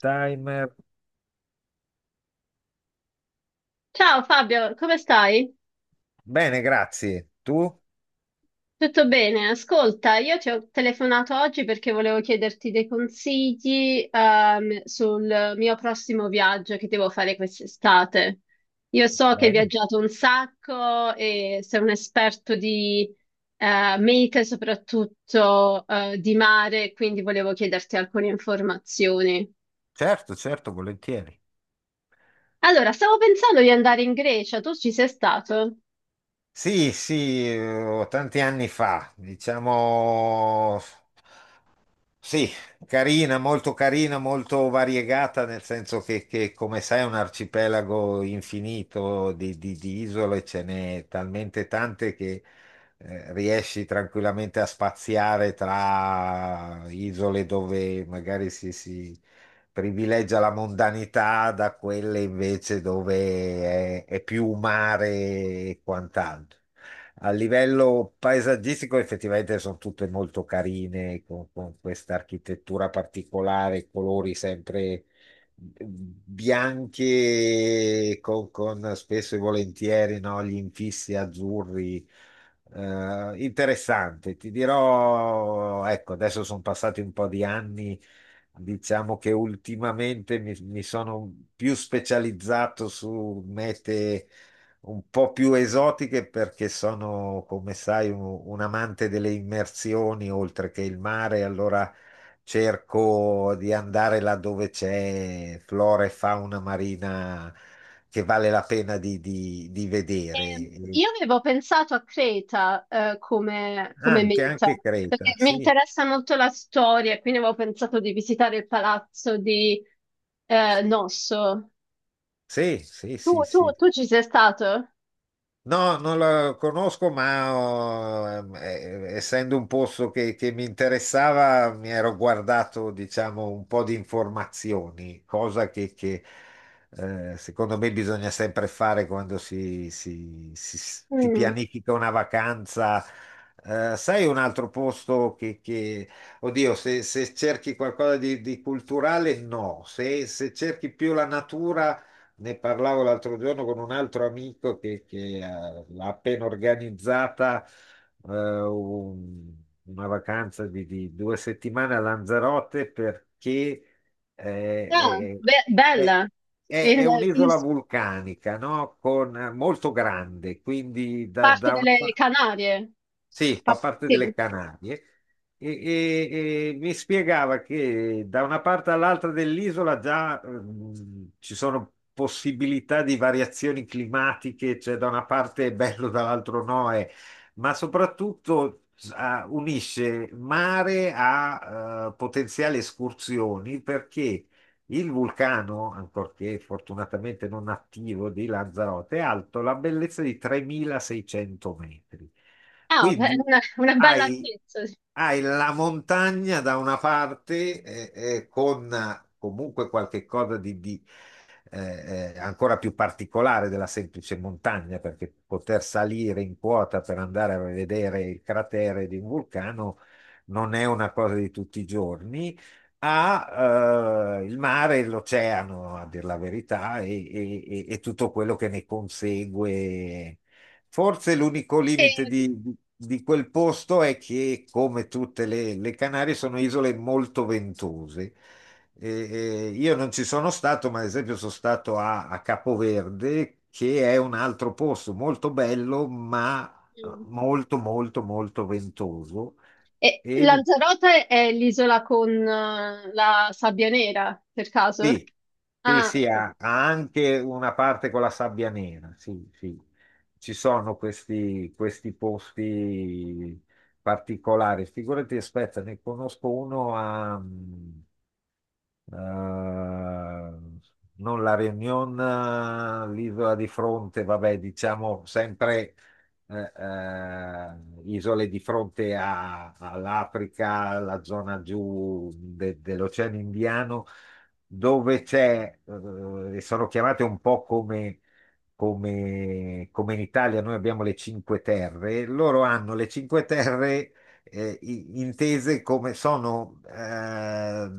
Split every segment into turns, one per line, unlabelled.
Timer.
Ciao Fabio, come stai?
Bene, grazie. Tu?
Tutto bene? Ascolta, io ti ho telefonato oggi perché volevo chiederti dei consigli, sul mio prossimo viaggio che devo fare quest'estate. Io so che hai
Bene.
viaggiato un sacco e sei un esperto di, mete, soprattutto, di mare, quindi volevo chiederti alcune informazioni.
Certo, certo, volentieri.
Allora, stavo pensando di andare in Grecia, tu ci sei stato?
Sì, sì, tanti anni fa, diciamo. Sì, carina, molto variegata, nel senso che, come sai, è un arcipelago infinito di isole. Ce n'è talmente tante che riesci tranquillamente a spaziare tra isole dove magari si privilegia la mondanità da quelle invece dove è più mare e quant'altro. A livello paesaggistico effettivamente sono tutte molto carine, con questa architettura particolare, colori sempre bianchi, con spesso e volentieri, no, gli infissi azzurri. Interessante, ti dirò, ecco. Adesso sono passati un po' di anni, diciamo che ultimamente mi sono più specializzato su mete un po' più esotiche perché sono, come sai, un amante delle immersioni oltre che il mare. Allora cerco di andare là dove c'è flora e fauna marina che vale la pena di vedere.
Ehm,
E
Io avevo pensato a Creta, come, come
Anche,
meta,
anche
perché
Creta,
mi
sì,
interessa molto la storia, quindi avevo pensato di visitare il palazzo di Nosso.
sì, sì,
Tu,
sì,
tu,
sì.
tu ci sei stato?
No, non la conosco, ma oh, essendo un posto che mi interessava, mi ero guardato, diciamo, un po' di informazioni, cosa che, secondo me, bisogna sempre fare quando si
Mm.
pianifica una vacanza. Sai, un altro posto oddio, se cerchi qualcosa di culturale, no, se cerchi più la natura, ne parlavo l'altro giorno con un altro amico che ha appena organizzata eh, un- una vacanza di 2 settimane a Lanzarote perché
Ah,
eh, è, è-
bella,
è-
in,
è
in
un'isola vulcanica, no? Con, molto grande, quindi da,
parte
da una
delle
parte
Canarie.
sì, fa
Fa-
parte
Sì.
delle Canarie. E mi spiegava che da una parte all'altra dell'isola già ci sono possibilità di variazioni climatiche. Cioè, da una parte è bello, dall'altro no, ma soprattutto, ah, unisce mare a, potenziali escursioni, perché il vulcano, ancorché fortunatamente non attivo, di Lanzarote è alto la bellezza di 3.600 metri.
Ah, beh,
Quindi
una bella
hai,
altezza. Sì.
hai la montagna da una parte, con, comunque qualche cosa di ancora più particolare della semplice montagna, perché poter salire in quota per andare a vedere il cratere di un vulcano non è una cosa di tutti i giorni. Ha, il mare e l'oceano, a dir la verità, e tutto quello che ne consegue. Forse l'unico limite
E-
di quel posto è che, come tutte le Canarie, sono isole molto ventose. E io non ci sono stato, ma ad esempio sono stato a Capoverde, che è un altro posto molto bello, ma
mm.
molto, molto, molto ventoso.
E
E
Lanzarote è l'isola con la sabbia nera, per caso?
Sì, sì,
Ah,
sì,
ok.
ha anche una parte con la sabbia nera, sì, sì. Ci sono questi posti particolari. Figurati, aspetta, ne conosco uno a, eh, non la Réunion, l'isola di fronte. Vabbè, diciamo sempre, eh, eh, isole di fronte all'Africa, la zona giù dell'Oceano Indiano, dove c'è, e sono chiamate un po' come, come in Italia. Noi abbiamo le Cinque Terre, loro hanno le Cinque Terre, intese come sono,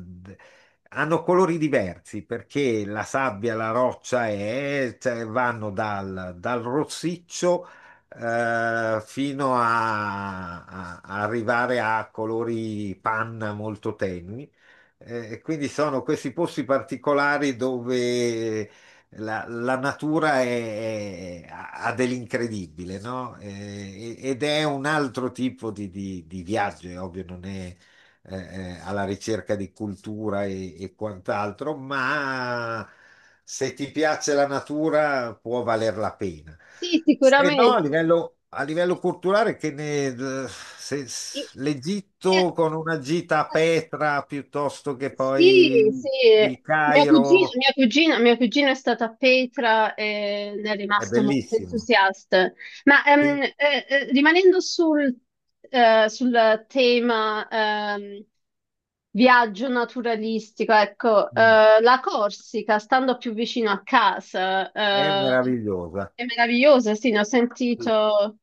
hanno colori diversi perché la sabbia, la roccia è, cioè, vanno dal rossiccio, fino a arrivare a colori panna molto tenui. E quindi sono questi posti particolari dove la natura ha dell'incredibile, no? Ed è un altro tipo di viaggio, è ovvio. Non è, alla ricerca di cultura e quant'altro, ma se ti piace la natura può valer la pena.
Sì,
Se no,
sicuramente.
a livello culturale, che ne,
E- e-
l'Egitto con una gita a Petra, piuttosto che
Sì, sì,
poi il
mio cugino,
Cairo,
mia cugina è stata a Petra e ne è
è
rimasto molto
bellissimo,
entusiasta. Ma
sì.
rimanendo sul tema viaggio naturalistico, ecco,
Mm.
la Corsica, stando più vicino a casa,
È meravigliosa.
è meravigliosa, sì, ne ho sentito,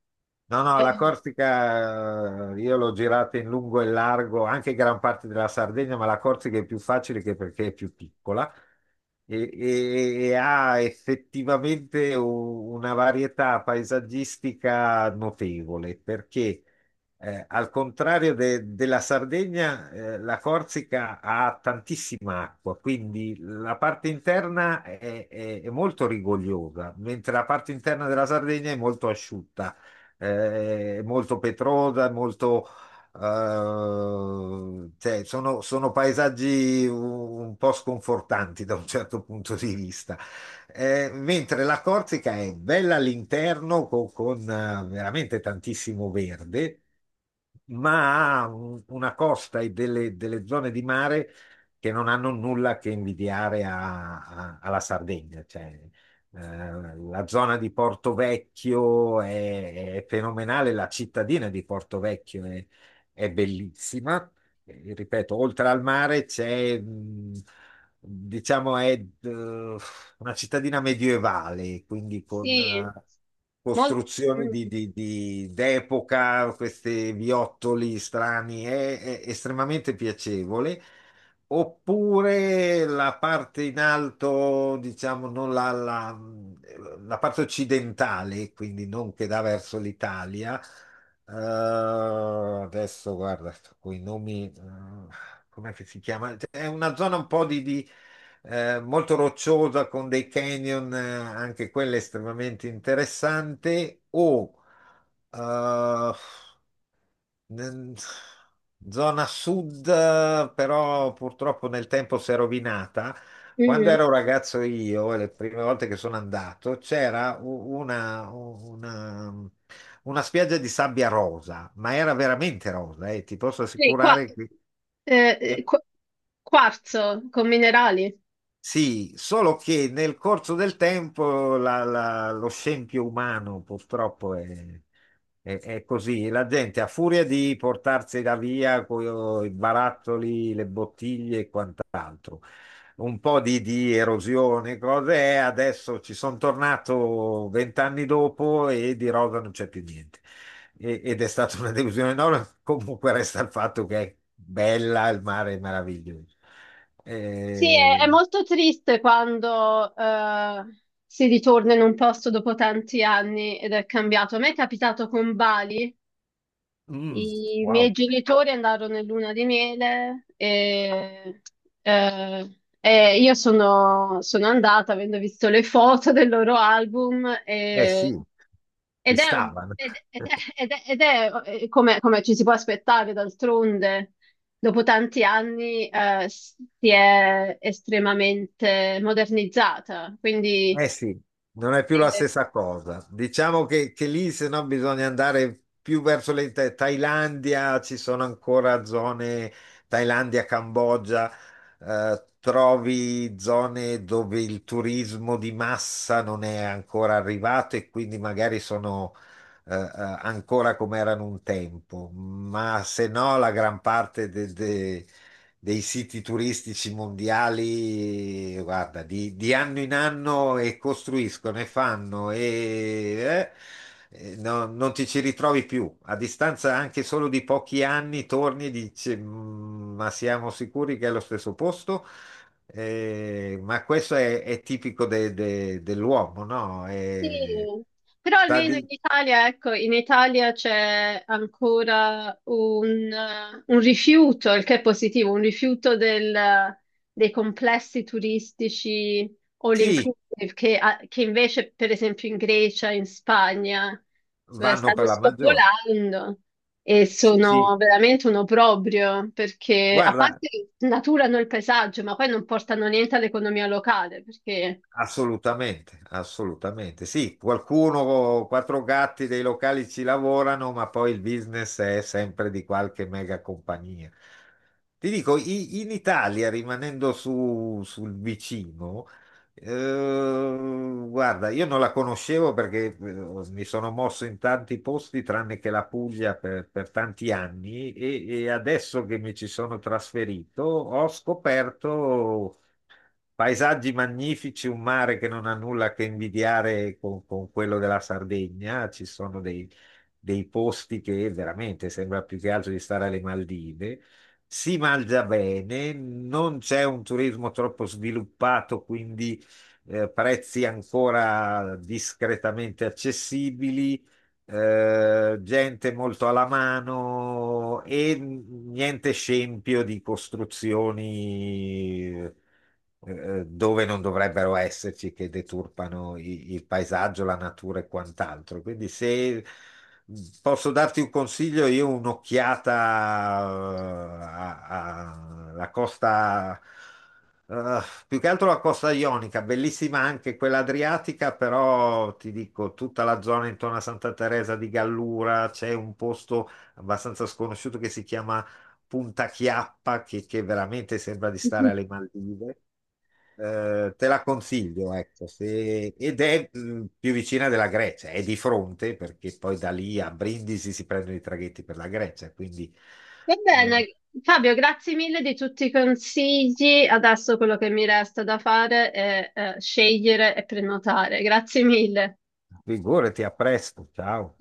No, no,
eh,
la Corsica, io l'ho girata in lungo e largo, anche gran parte della Sardegna, ma la Corsica è più facile che perché è più piccola e ha effettivamente una varietà paesaggistica notevole, perché, al contrario della Sardegna, la Corsica ha tantissima acqua, quindi la parte interna è molto rigogliosa, mentre la parte interna della Sardegna è molto asciutta, è molto petrosa, è molto, cioè, sono paesaggi un po' sconfortanti da un certo punto di vista. Mentre la Corsica è bella all'interno, con, veramente tantissimo verde, ma ha una costa e delle zone di mare che non hanno nulla che invidiare alla Sardegna. Cioè, la zona di Porto Vecchio è fenomenale, la cittadina di Porto Vecchio è bellissima. Ripeto, oltre al mare c'è, diciamo, è, una cittadina medievale, quindi con,
sì, molto...
costruzioni
mm,
d'epoca, questi viottoli strani, è estremamente piacevole. Oppure la parte in alto, diciamo, non la parte occidentale, quindi non che dà verso l'Italia. Eh, Adesso guarda, quei nomi, come si chiama? È una zona un po' molto rocciosa con dei canyon, anche quella estremamente interessante. Eh, N- Zona sud, però purtroppo nel tempo si è rovinata. Quando
mm.
ero ragazzo io, e le prime volte che sono andato, c'era una spiaggia di sabbia rosa, ma era veramente rosa, e ti posso
Sì, qua.
assicurare che...
Eh, eh, qu- quarzo con minerali.
Sì, solo che nel corso del tempo lo scempio umano purtroppo è così. La gente a furia di portarsela via con i barattoli, le bottiglie e quant'altro, un po' di erosione, cose, e adesso ci sono tornato vent'anni dopo e di rosa non c'è più niente. Ed è stata una delusione enorme. Comunque resta il fatto che è bella, il mare è meraviglioso.
Sì, è
Ehm,
molto triste quando si ritorna in un posto dopo tanti anni ed è cambiato. A me è capitato con Bali.
Mm,
I miei
wow.
genitori andarono in luna di miele e io sono, sono andata avendo visto le foto del loro album
Eh
e-
sì, ci
ed è, un-
stavano.
ed- ed è- ed è- ed è, come, come ci si può aspettare d'altronde, dopo tanti anni si è estremamente modernizzata, quindi
Eh sì, non è più la
eh,
stessa cosa. Diciamo che lì, se no, bisogna andare più verso la Thailandia, ci sono ancora zone. Thailandia, Cambogia, trovi zone dove il turismo di massa non è ancora arrivato e quindi magari sono, eh, eh, ancora come erano un tempo, ma se no la gran parte dei siti turistici mondiali, guarda, di anno in anno, e costruiscono e fanno e, non ti ci ritrovi più. A distanza anche solo di pochi anni torni e dici: Ma siamo sicuri che è lo stesso posto?" Ma questo è tipico dell'uomo, no?
sì, però
Sta
almeno in
di-
Italia, ecco, in Italia c'è ancora un rifiuto, il che è positivo, un rifiuto dei complessi turistici all
Sì,
inclusive, che invece, per esempio, in Grecia, in Spagna,
vanno
stanno
per la maggiore.
spopolando e
Sì, sì.
sono veramente un obbrobrio, perché a
Guarda,
parte naturano il paesaggio, ma poi non portano niente all'economia locale, perché...
assolutamente, assolutamente. Sì, qualcuno, quattro gatti dei locali ci lavorano, ma poi il business è sempre di qualche mega compagnia. Ti dico, in Italia, rimanendo sul vicino, guarda, io non la conoscevo perché, mi sono mosso in tanti posti, tranne che la Puglia per tanti anni, e adesso che mi ci sono trasferito, ho scoperto paesaggi magnifici, un mare che non ha nulla che invidiare con quello della Sardegna. Ci sono dei posti che veramente sembra più che altro di stare alle Maldive. Si mangia bene, non c'è un turismo troppo sviluppato, quindi, prezzi ancora discretamente accessibili, gente molto alla mano e niente scempio di costruzioni, dove non dovrebbero esserci, che deturpano il paesaggio, la natura e quant'altro. Quindi, se posso darti un consiglio, io un'occhiata, eh, alla costa, eh, più che altro la costa ionica, bellissima anche quella adriatica. Però ti dico, tutta la zona intorno a Santa Teresa di Gallura, c'è un posto abbastanza sconosciuto che si chiama Punta Chiappa, che veramente sembra di stare alle Maldive. Te la consiglio, ecco. Ed è più vicina della Grecia, è di fronte, perché poi da lì a Brindisi si prendono i traghetti per la Grecia, quindi,
Va
eh,
bene, Fabio, grazie mille di tutti i consigli. Adesso quello che mi resta da fare è scegliere e prenotare. Grazie mille.
figurati, a presto, ciao.